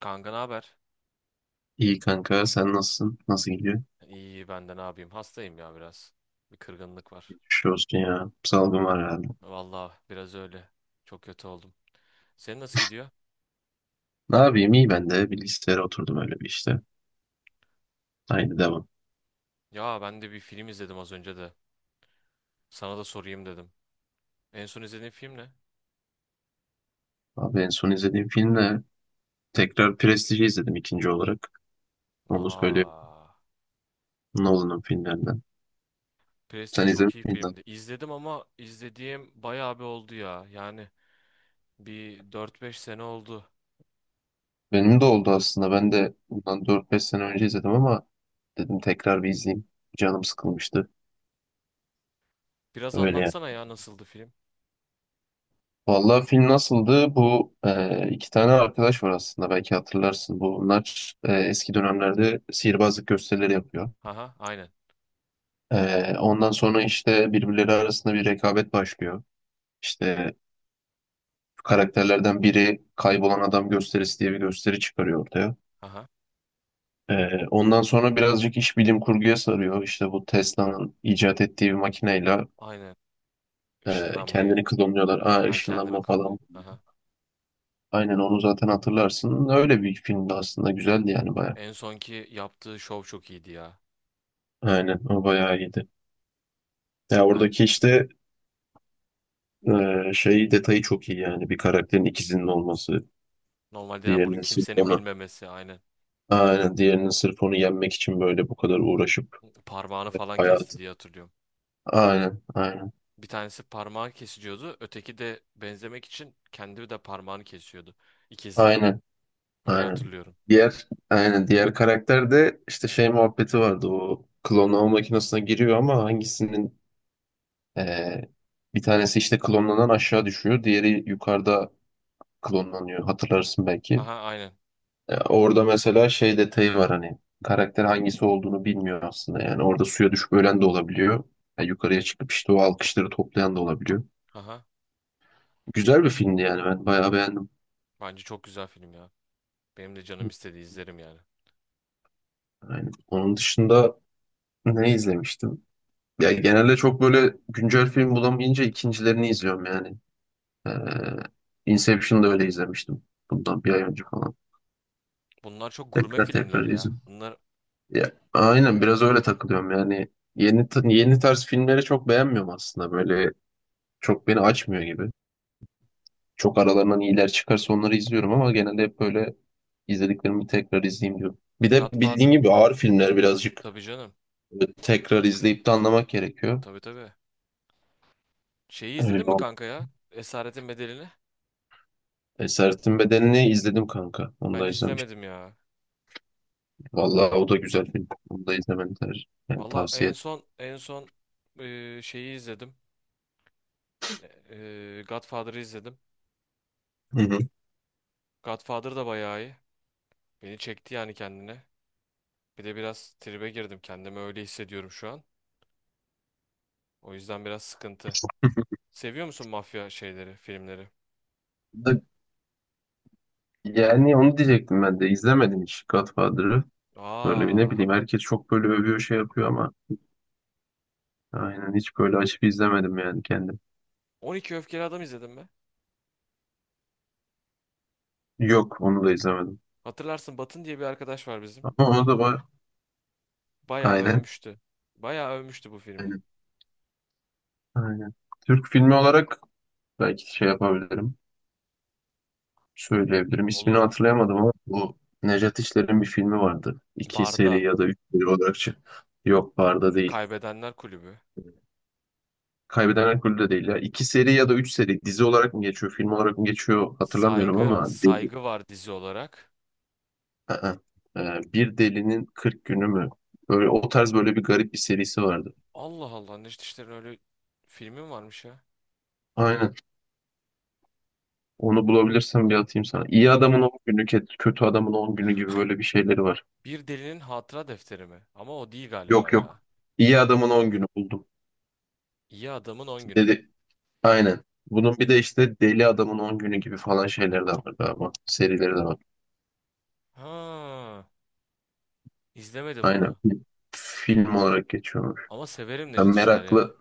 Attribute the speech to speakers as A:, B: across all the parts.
A: Kanka ne haber?
B: İyi kanka sen nasılsın? Nasıl gidiyor?
A: İyi ben de ne yapayım? Hastayım ya biraz. Bir kırgınlık var.
B: Geçmiş olsun ya. Salgın var herhalde.
A: Vallahi biraz öyle. Çok kötü oldum. Senin nasıl gidiyor?
B: Ne yapayım iyi ben de bilgisayara oturdum öyle bir işte. Aynı devam.
A: Ya ben de bir film izledim az önce de. Sana da sorayım dedim. En son izlediğin film ne?
B: Abi en son izlediğim film de tekrar Prestige'i izledim ikinci olarak. Onu söyleyeyim.
A: Aa,
B: Nolan'ın filmlerinden.
A: Prestige
B: Sen
A: çok
B: izlemiş
A: iyi
B: miydin?
A: filmdi. İzledim ama izlediğim bayağı bir oldu ya. Yani bir dört beş sene oldu.
B: Benim de oldu aslında. Ben de bundan 4-5 sene önce izledim ama dedim tekrar bir izleyeyim. Canım sıkılmıştı.
A: Biraz
B: Öyle.
A: anlatsana ya nasıldı film?
B: Vallahi film nasıldı? Bu iki tane arkadaş var aslında belki hatırlarsın. Bunlar eski dönemlerde sihirbazlık gösterileri yapıyor.
A: Haha, aynen.
B: Ondan sonra işte birbirleri arasında bir rekabet başlıyor. İşte karakterlerden biri kaybolan adam gösterisi diye bir gösteri çıkarıyor ortaya.
A: Haha,
B: Ondan sonra birazcık iş bilim kurguya sarıyor. İşte bu Tesla'nın icat ettiği bir makineyle
A: aynen. Işınlanmayı.
B: kendini klonluyorlar. Aa,
A: Ay kendini
B: ışınlanma
A: kullanıyor.
B: falan.
A: Haha.
B: Aynen onu zaten hatırlarsın. Öyle bir filmdi aslında güzeldi yani bayağı.
A: En sonki yaptığı şov çok iyiydi ya.
B: Aynen o bayağı iyiydi. Ya
A: Yani
B: oradaki işte şey detayı çok iyi yani bir karakterin ikizinin olması,
A: normalde yani bunu
B: diğerinin sırf
A: kimsenin
B: onu
A: bilmemesi aynen.
B: aynen diğerinin sırf onu yenmek için böyle bu kadar uğraşıp
A: Parmağını falan kesti
B: hayatı.
A: diye hatırlıyorum.
B: Aynen, aynen,
A: Bir tanesi parmağı kesiliyordu. Öteki de benzemek için kendi de parmağını kesiyordu. İkizi.
B: aynen,
A: Öyle
B: aynen.
A: hatırlıyorum.
B: Diğer karakter de işte şey muhabbeti vardı o klonlama makinesine giriyor ama hangisinin e, bir tanesi işte klonlanan aşağı düşüyor, diğeri yukarıda klonlanıyor hatırlarsın belki.
A: Haha aynen.
B: Orada mesela şey detayı var hani karakter hangisi olduğunu bilmiyor aslında yani orada suya düşüp ölen de olabiliyor. Yukarıya çıkıp işte o alkışları toplayan da olabiliyor.
A: Haha.
B: Güzel bir filmdi yani ben bayağı beğendim.
A: Bence çok güzel film ya. Benim de canım istedi izlerim yani.
B: Yani onun dışında ne izlemiştim? Ya genelde çok böyle güncel film bulamayınca ikincilerini izliyorum yani. Ee, Inception'da öyle izlemiştim. Bundan bir ay önce falan.
A: Bunlar çok gurme
B: Tekrar
A: filmler
B: tekrar
A: ya.
B: izliyorum.
A: Bunlar
B: Ya, aynen biraz öyle takılıyorum yani. Yeni tarz filmleri çok beğenmiyorum aslında böyle çok beni açmıyor gibi. Çok aralarından iyiler çıkarsa onları izliyorum ama genelde hep böyle izlediklerimi tekrar izleyeyim diyorum. Bir de bildiğin
A: Godfather.
B: gibi ağır filmler birazcık
A: Tabii canım.
B: tekrar izleyip de anlamak gerekiyor.
A: Tabii tabii. Şeyi izledin
B: Öyle
A: mi
B: oldu.
A: kanka ya? Esaretin Bedeli'ni.
B: Esaretin Bedeni'ni izledim kanka. Onu
A: Ben
B: da izlemiştim.
A: izlemedim ya.
B: Vallahi o da güzel film. Onu da izlemeni yani
A: Valla
B: tavsiye
A: en son şeyi izledim. Godfather'ı izledim.
B: ederim. Hı hı.
A: Godfather da bayağı iyi. Beni çekti yani kendine. Bir de biraz tribe girdim. Kendimi öyle hissediyorum şu an. O yüzden biraz sıkıntı. Seviyor musun mafya şeyleri, filmleri?
B: Da- Yani onu diyecektim ben de. İzlemedim hiç Godfather'ı. Böyle bir ne
A: Aa,
B: bileyim herkes çok böyle övüyor şey yapıyor ama aynen hiç böyle açıp izlemedim yani kendim.
A: 12 Öfkeli Adam izledim mi?
B: Yok onu da izlemedim.
A: Hatırlarsın Batın diye bir arkadaş var bizim.
B: Ama o da var.
A: Bayağı
B: Aynen.
A: övmüştü. Bayağı övmüştü bu filmi.
B: Aynen. Aynen. Türk filmi olarak belki şey yapabilirim. Söyleyebilirim. İsmini
A: Olur.
B: hatırlayamadım ama bu Nejat İşler'in bir filmi vardı. İki
A: Barda.
B: seri ya da üç seri olarak. Yok barda değil.
A: Kaybedenler Kulübü.
B: Kaybeden Alkolü de değil ya. İki seri ya da üç seri. Dizi olarak mı geçiyor, film olarak mı geçiyor hatırlamıyorum
A: Saygı,
B: ama deli.
A: saygı var dizi olarak.
B: Aa, bir delinin 40 günü mü? Böyle o tarz böyle bir garip bir serisi vardı.
A: Allah Allah, Necdet İşler'in öyle filmi mi varmış ya?
B: Aynen. Onu bulabilirsem bir atayım sana. İyi adamın 10 günü, kötü adamın 10 günü gibi böyle bir şeyleri var.
A: Bir delinin hatıra defteri mi? Ama o değil galiba
B: Yok,
A: ya.
B: yok. İyi adamın 10 günü buldum.
A: İyi adamın on günü.
B: Dedi. Aynen. Bunun bir de işte Deli Adamın 10 günü gibi falan şeyler de var galiba. Serileri de var.
A: Ha, izlemedim
B: Aynen.
A: bunu.
B: Film olarak geçiyormuş.
A: Ama severim
B: Yani
A: Necdet İşler ya.
B: meraklı.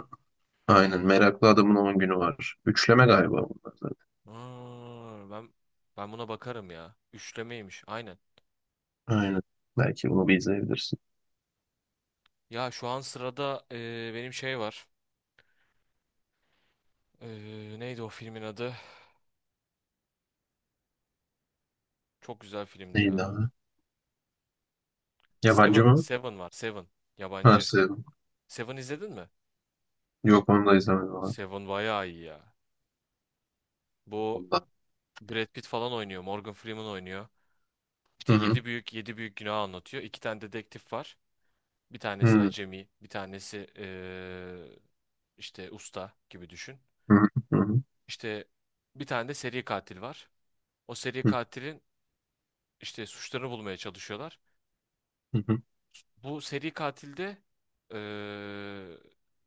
B: Aynen. Meraklı Adamın 10 günü var. Üçleme galiba bunlar zaten.
A: Ha, ben buna bakarım ya. Üçlemeymiş. Aynen.
B: Aynen. Belki bunu bir izleyebilirsin.
A: Ya şu an sırada benim şey var. E, neydi o filmin adı? Çok güzel filmdi
B: Neydi
A: ya.
B: abi? Yabancı
A: Seven.
B: mı?
A: Seven var. Seven.
B: Ha,
A: Yabancı.
B: sevdim.
A: Seven izledin mi?
B: Yok onu da izlemedim abi.
A: Seven bayağı iyi ya. Bu
B: Ondan.
A: Brad Pitt falan oynuyor. Morgan Freeman oynuyor. İşte
B: Hı hı.
A: yedi büyük günah anlatıyor. İki tane dedektif var. Bir
B: Hı
A: tanesi
B: hı.
A: acemi, bir tanesi işte usta gibi düşün.
B: Hı hı.
A: İşte bir tane de seri katil var. O seri katilin işte suçlarını bulmaya çalışıyorlar.
B: Hı hı.
A: Bu seri katilde eee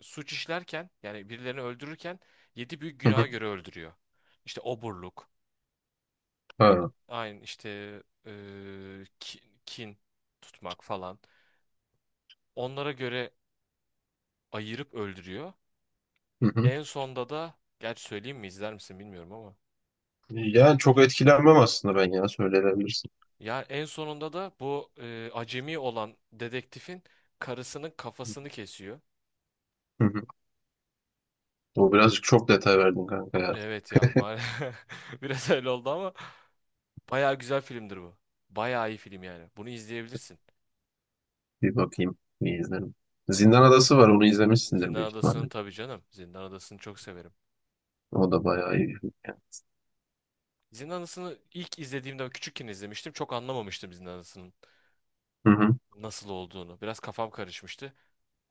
A: suç işlerken yani birilerini öldürürken yedi büyük
B: Hı
A: günaha
B: hı.
A: göre öldürüyor. İşte oburluk, e,
B: Ha.
A: aynı işte eee, ki- kin tutmak falan. Onlara göre ayırıp öldürüyor.
B: Hı hı.
A: En sonda da gerçi söyleyeyim mi izler misin bilmiyorum ama.
B: Yani çok etkilenmem aslında ben ya söyleyebilirsin.
A: Ya en sonunda da bu acemi olan dedektifin karısının kafasını kesiyor.
B: Hı hı. Bu birazcık çok detay verdin kanka ya.
A: Evet ya maalesef biraz öyle oldu ama bayağı güzel filmdir bu. Bayağı iyi film yani. Bunu izleyebilirsin.
B: Bir bakayım, bir izlerim. Zindan Adası var, onu izlemişsindir
A: Zindan
B: büyük ihtimalle.
A: Adası'nı tabii canım. Zindan Adası'nı çok severim.
B: O da bayağı iyi bir film yani.
A: Zindan Adası'nı ilk izlediğimde küçükken izlemiştim. Çok anlamamıştım Zindan Adası'nın
B: Hı hı,
A: nasıl olduğunu. Biraz kafam karışmıştı.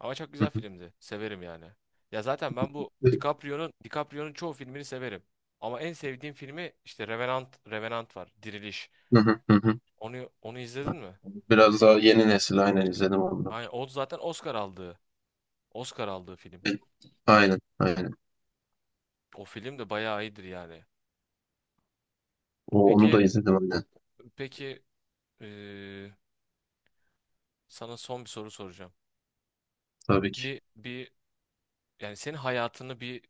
A: Ama çok
B: hı
A: güzel
B: hı.
A: filmdi. Severim yani. Ya zaten ben bu DiCaprio'nun çoğu filmini severim. Ama en sevdiğim filmi işte Revenant Revenant var. Diriliş.
B: Hı hı, hı hı.
A: Onu izledin mi?
B: Biraz daha yeni nesil aynen izledim onu.
A: Aynen o zaten Oscar aldığı. Oscar aldığı film.
B: Aynen, aynen.
A: O film de bayağı iyidir yani.
B: Onu
A: Peki
B: da izledim aynen.
A: peki eee, sana son bir soru soracağım.
B: Tabii ki.
A: Bir yani senin hayatını bir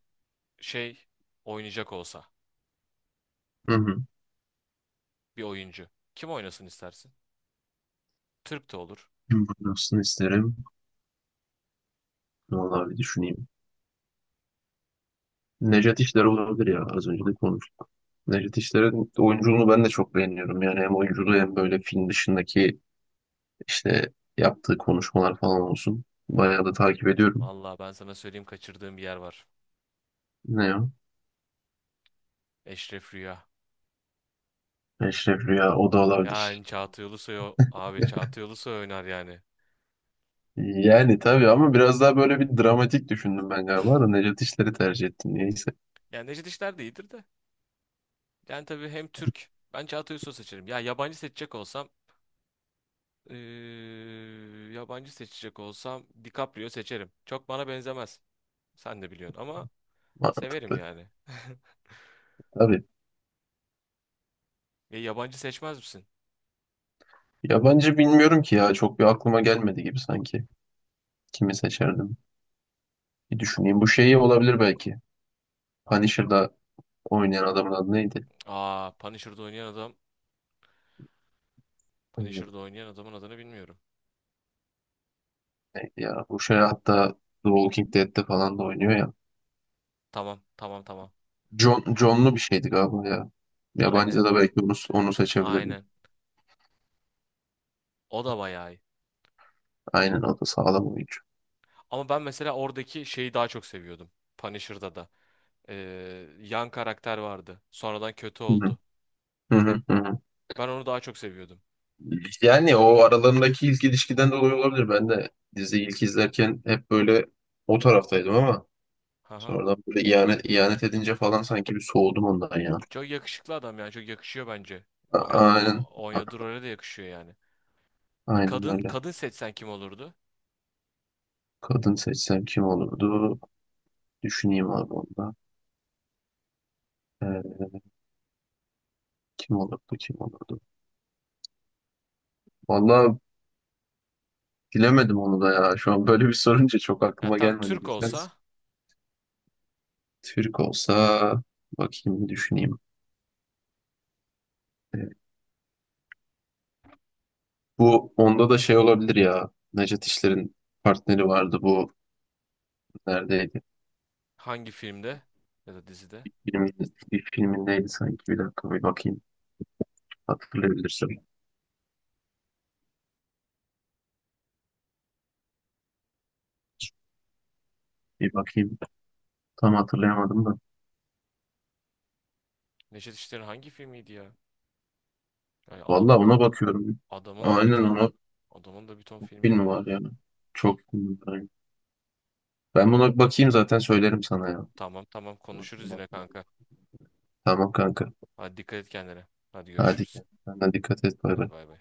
A: şey oynayacak olsa
B: Hı hı.
A: bir oyuncu kim oynasın istersin? Türk de olur.
B: Kim Burası'nı isterim. Vallahi bir düşüneyim. Nejat İşler olabilir ya. Az önce de konuştuk. Nejat İşler'in oyunculuğunu ben de çok beğeniyorum. Yani hem oyunculuğu hem böyle film dışındaki İşte yaptığı konuşmalar falan olsun. Bayağı da takip ediyorum.
A: Vallahi ben sana söyleyeyim kaçırdığım bir yer var.
B: Ne o?
A: Eşref Rüya.
B: Eşref Rüya o da olabilir.
A: Yani Çağatay Ulusoy abi Çağatay Ulusoy oynar yani.
B: Yani tabii ama biraz daha böyle bir dramatik düşündüm ben galiba da Necat İşler'i tercih ettim niyeyse.
A: Yani Necdet İşler de iyidir de. Yani tabii hem Türk. Ben Çağatay Ulusoy seçerim. Ya eee, yabancı seçecek olsam DiCaprio seçerim. Çok bana benzemez. Sen de biliyorsun ama severim
B: Mantıklı.
A: yani.
B: Tabii.
A: E, yabancı seçmez misin?
B: Yabancı bilmiyorum ki ya. Çok bir aklıma gelmedi gibi sanki. Kimi seçerdim? Bir düşüneyim. Bu şeyi olabilir belki. Punisher'da oynayan adamın adı neydi?
A: Aa, Punisher'da oynayan adam. Punisher'da
B: Evet,
A: oynayan adamın adını bilmiyorum.
B: neydi ya? Bu şey hatta The Walking Dead'de falan da oynuyor ya.
A: Tamam, tamam, tamam.
B: John'lu bir şeydi galiba ya. Yabancıda
A: Aynen,
B: da belki onu seçebilirdim.
A: aynen. O da bayağı iyi.
B: Aynen o da sağlam oyuncu.
A: Ama ben mesela oradaki şeyi daha çok seviyordum. Punisher'da da. e, yan karakter vardı. Sonradan kötü
B: Hı hı,
A: oldu.
B: hı hı, hı hı.
A: Ben onu daha çok seviyordum.
B: Yani o aralarındaki ilk ilişkiden dolayı olabilir. Ben de dizi ilk izlerken hep böyle o taraftaydım ama
A: Haha.
B: sonradan böyle ihanet edince falan sanki bir soğudum ondan ya.
A: Çok yakışıklı adam yani çok yakışıyor bence. Oynadığı
B: Aynen. A-
A: oynadığı role de yakışıyor yani. Bir
B: Aynen
A: kadın
B: öyle.
A: kadın seçsen kim olurdu?
B: Kadın seçsem kim olurdu? Düşüneyim abi onda. Ee, kim olurdu? Vallahi bilemedim onu da ya. Şu an böyle bir sorunca çok
A: Ya
B: aklıma
A: tam
B: gelmedi
A: Türk
B: güzel.
A: olsa
B: Türk olsa bakayım düşüneyim. Ee, Bu onda da şey olabilir ya. Nejat İşler'in partneri vardı bu neredeydi?
A: hangi filmde ya da dizide?
B: Bir filmin, bir filmindeydi sanki. Bir dakika bir bakayım. Hatırlayabilirsem. Bir bakayım. Tam hatırlayamadım da.
A: Neşet İşler'in hangi filmiydi ya? Yani
B: Vallahi ona bakıyorum.
A: adamın da bir
B: Aynen
A: ton
B: ona
A: adamın da bir ton
B: çok
A: filmi
B: film
A: var ya.
B: var yani. Çok film var. Ben buna bakayım zaten söylerim sana ya.
A: Tamam tamam konuşuruz yine kanka.
B: Tamam kanka.
A: Hadi dikkat et kendine. Hadi
B: Hadi
A: görüşürüz.
B: kendine dikkat et. Bay
A: Hadi
B: bay.
A: bay bay.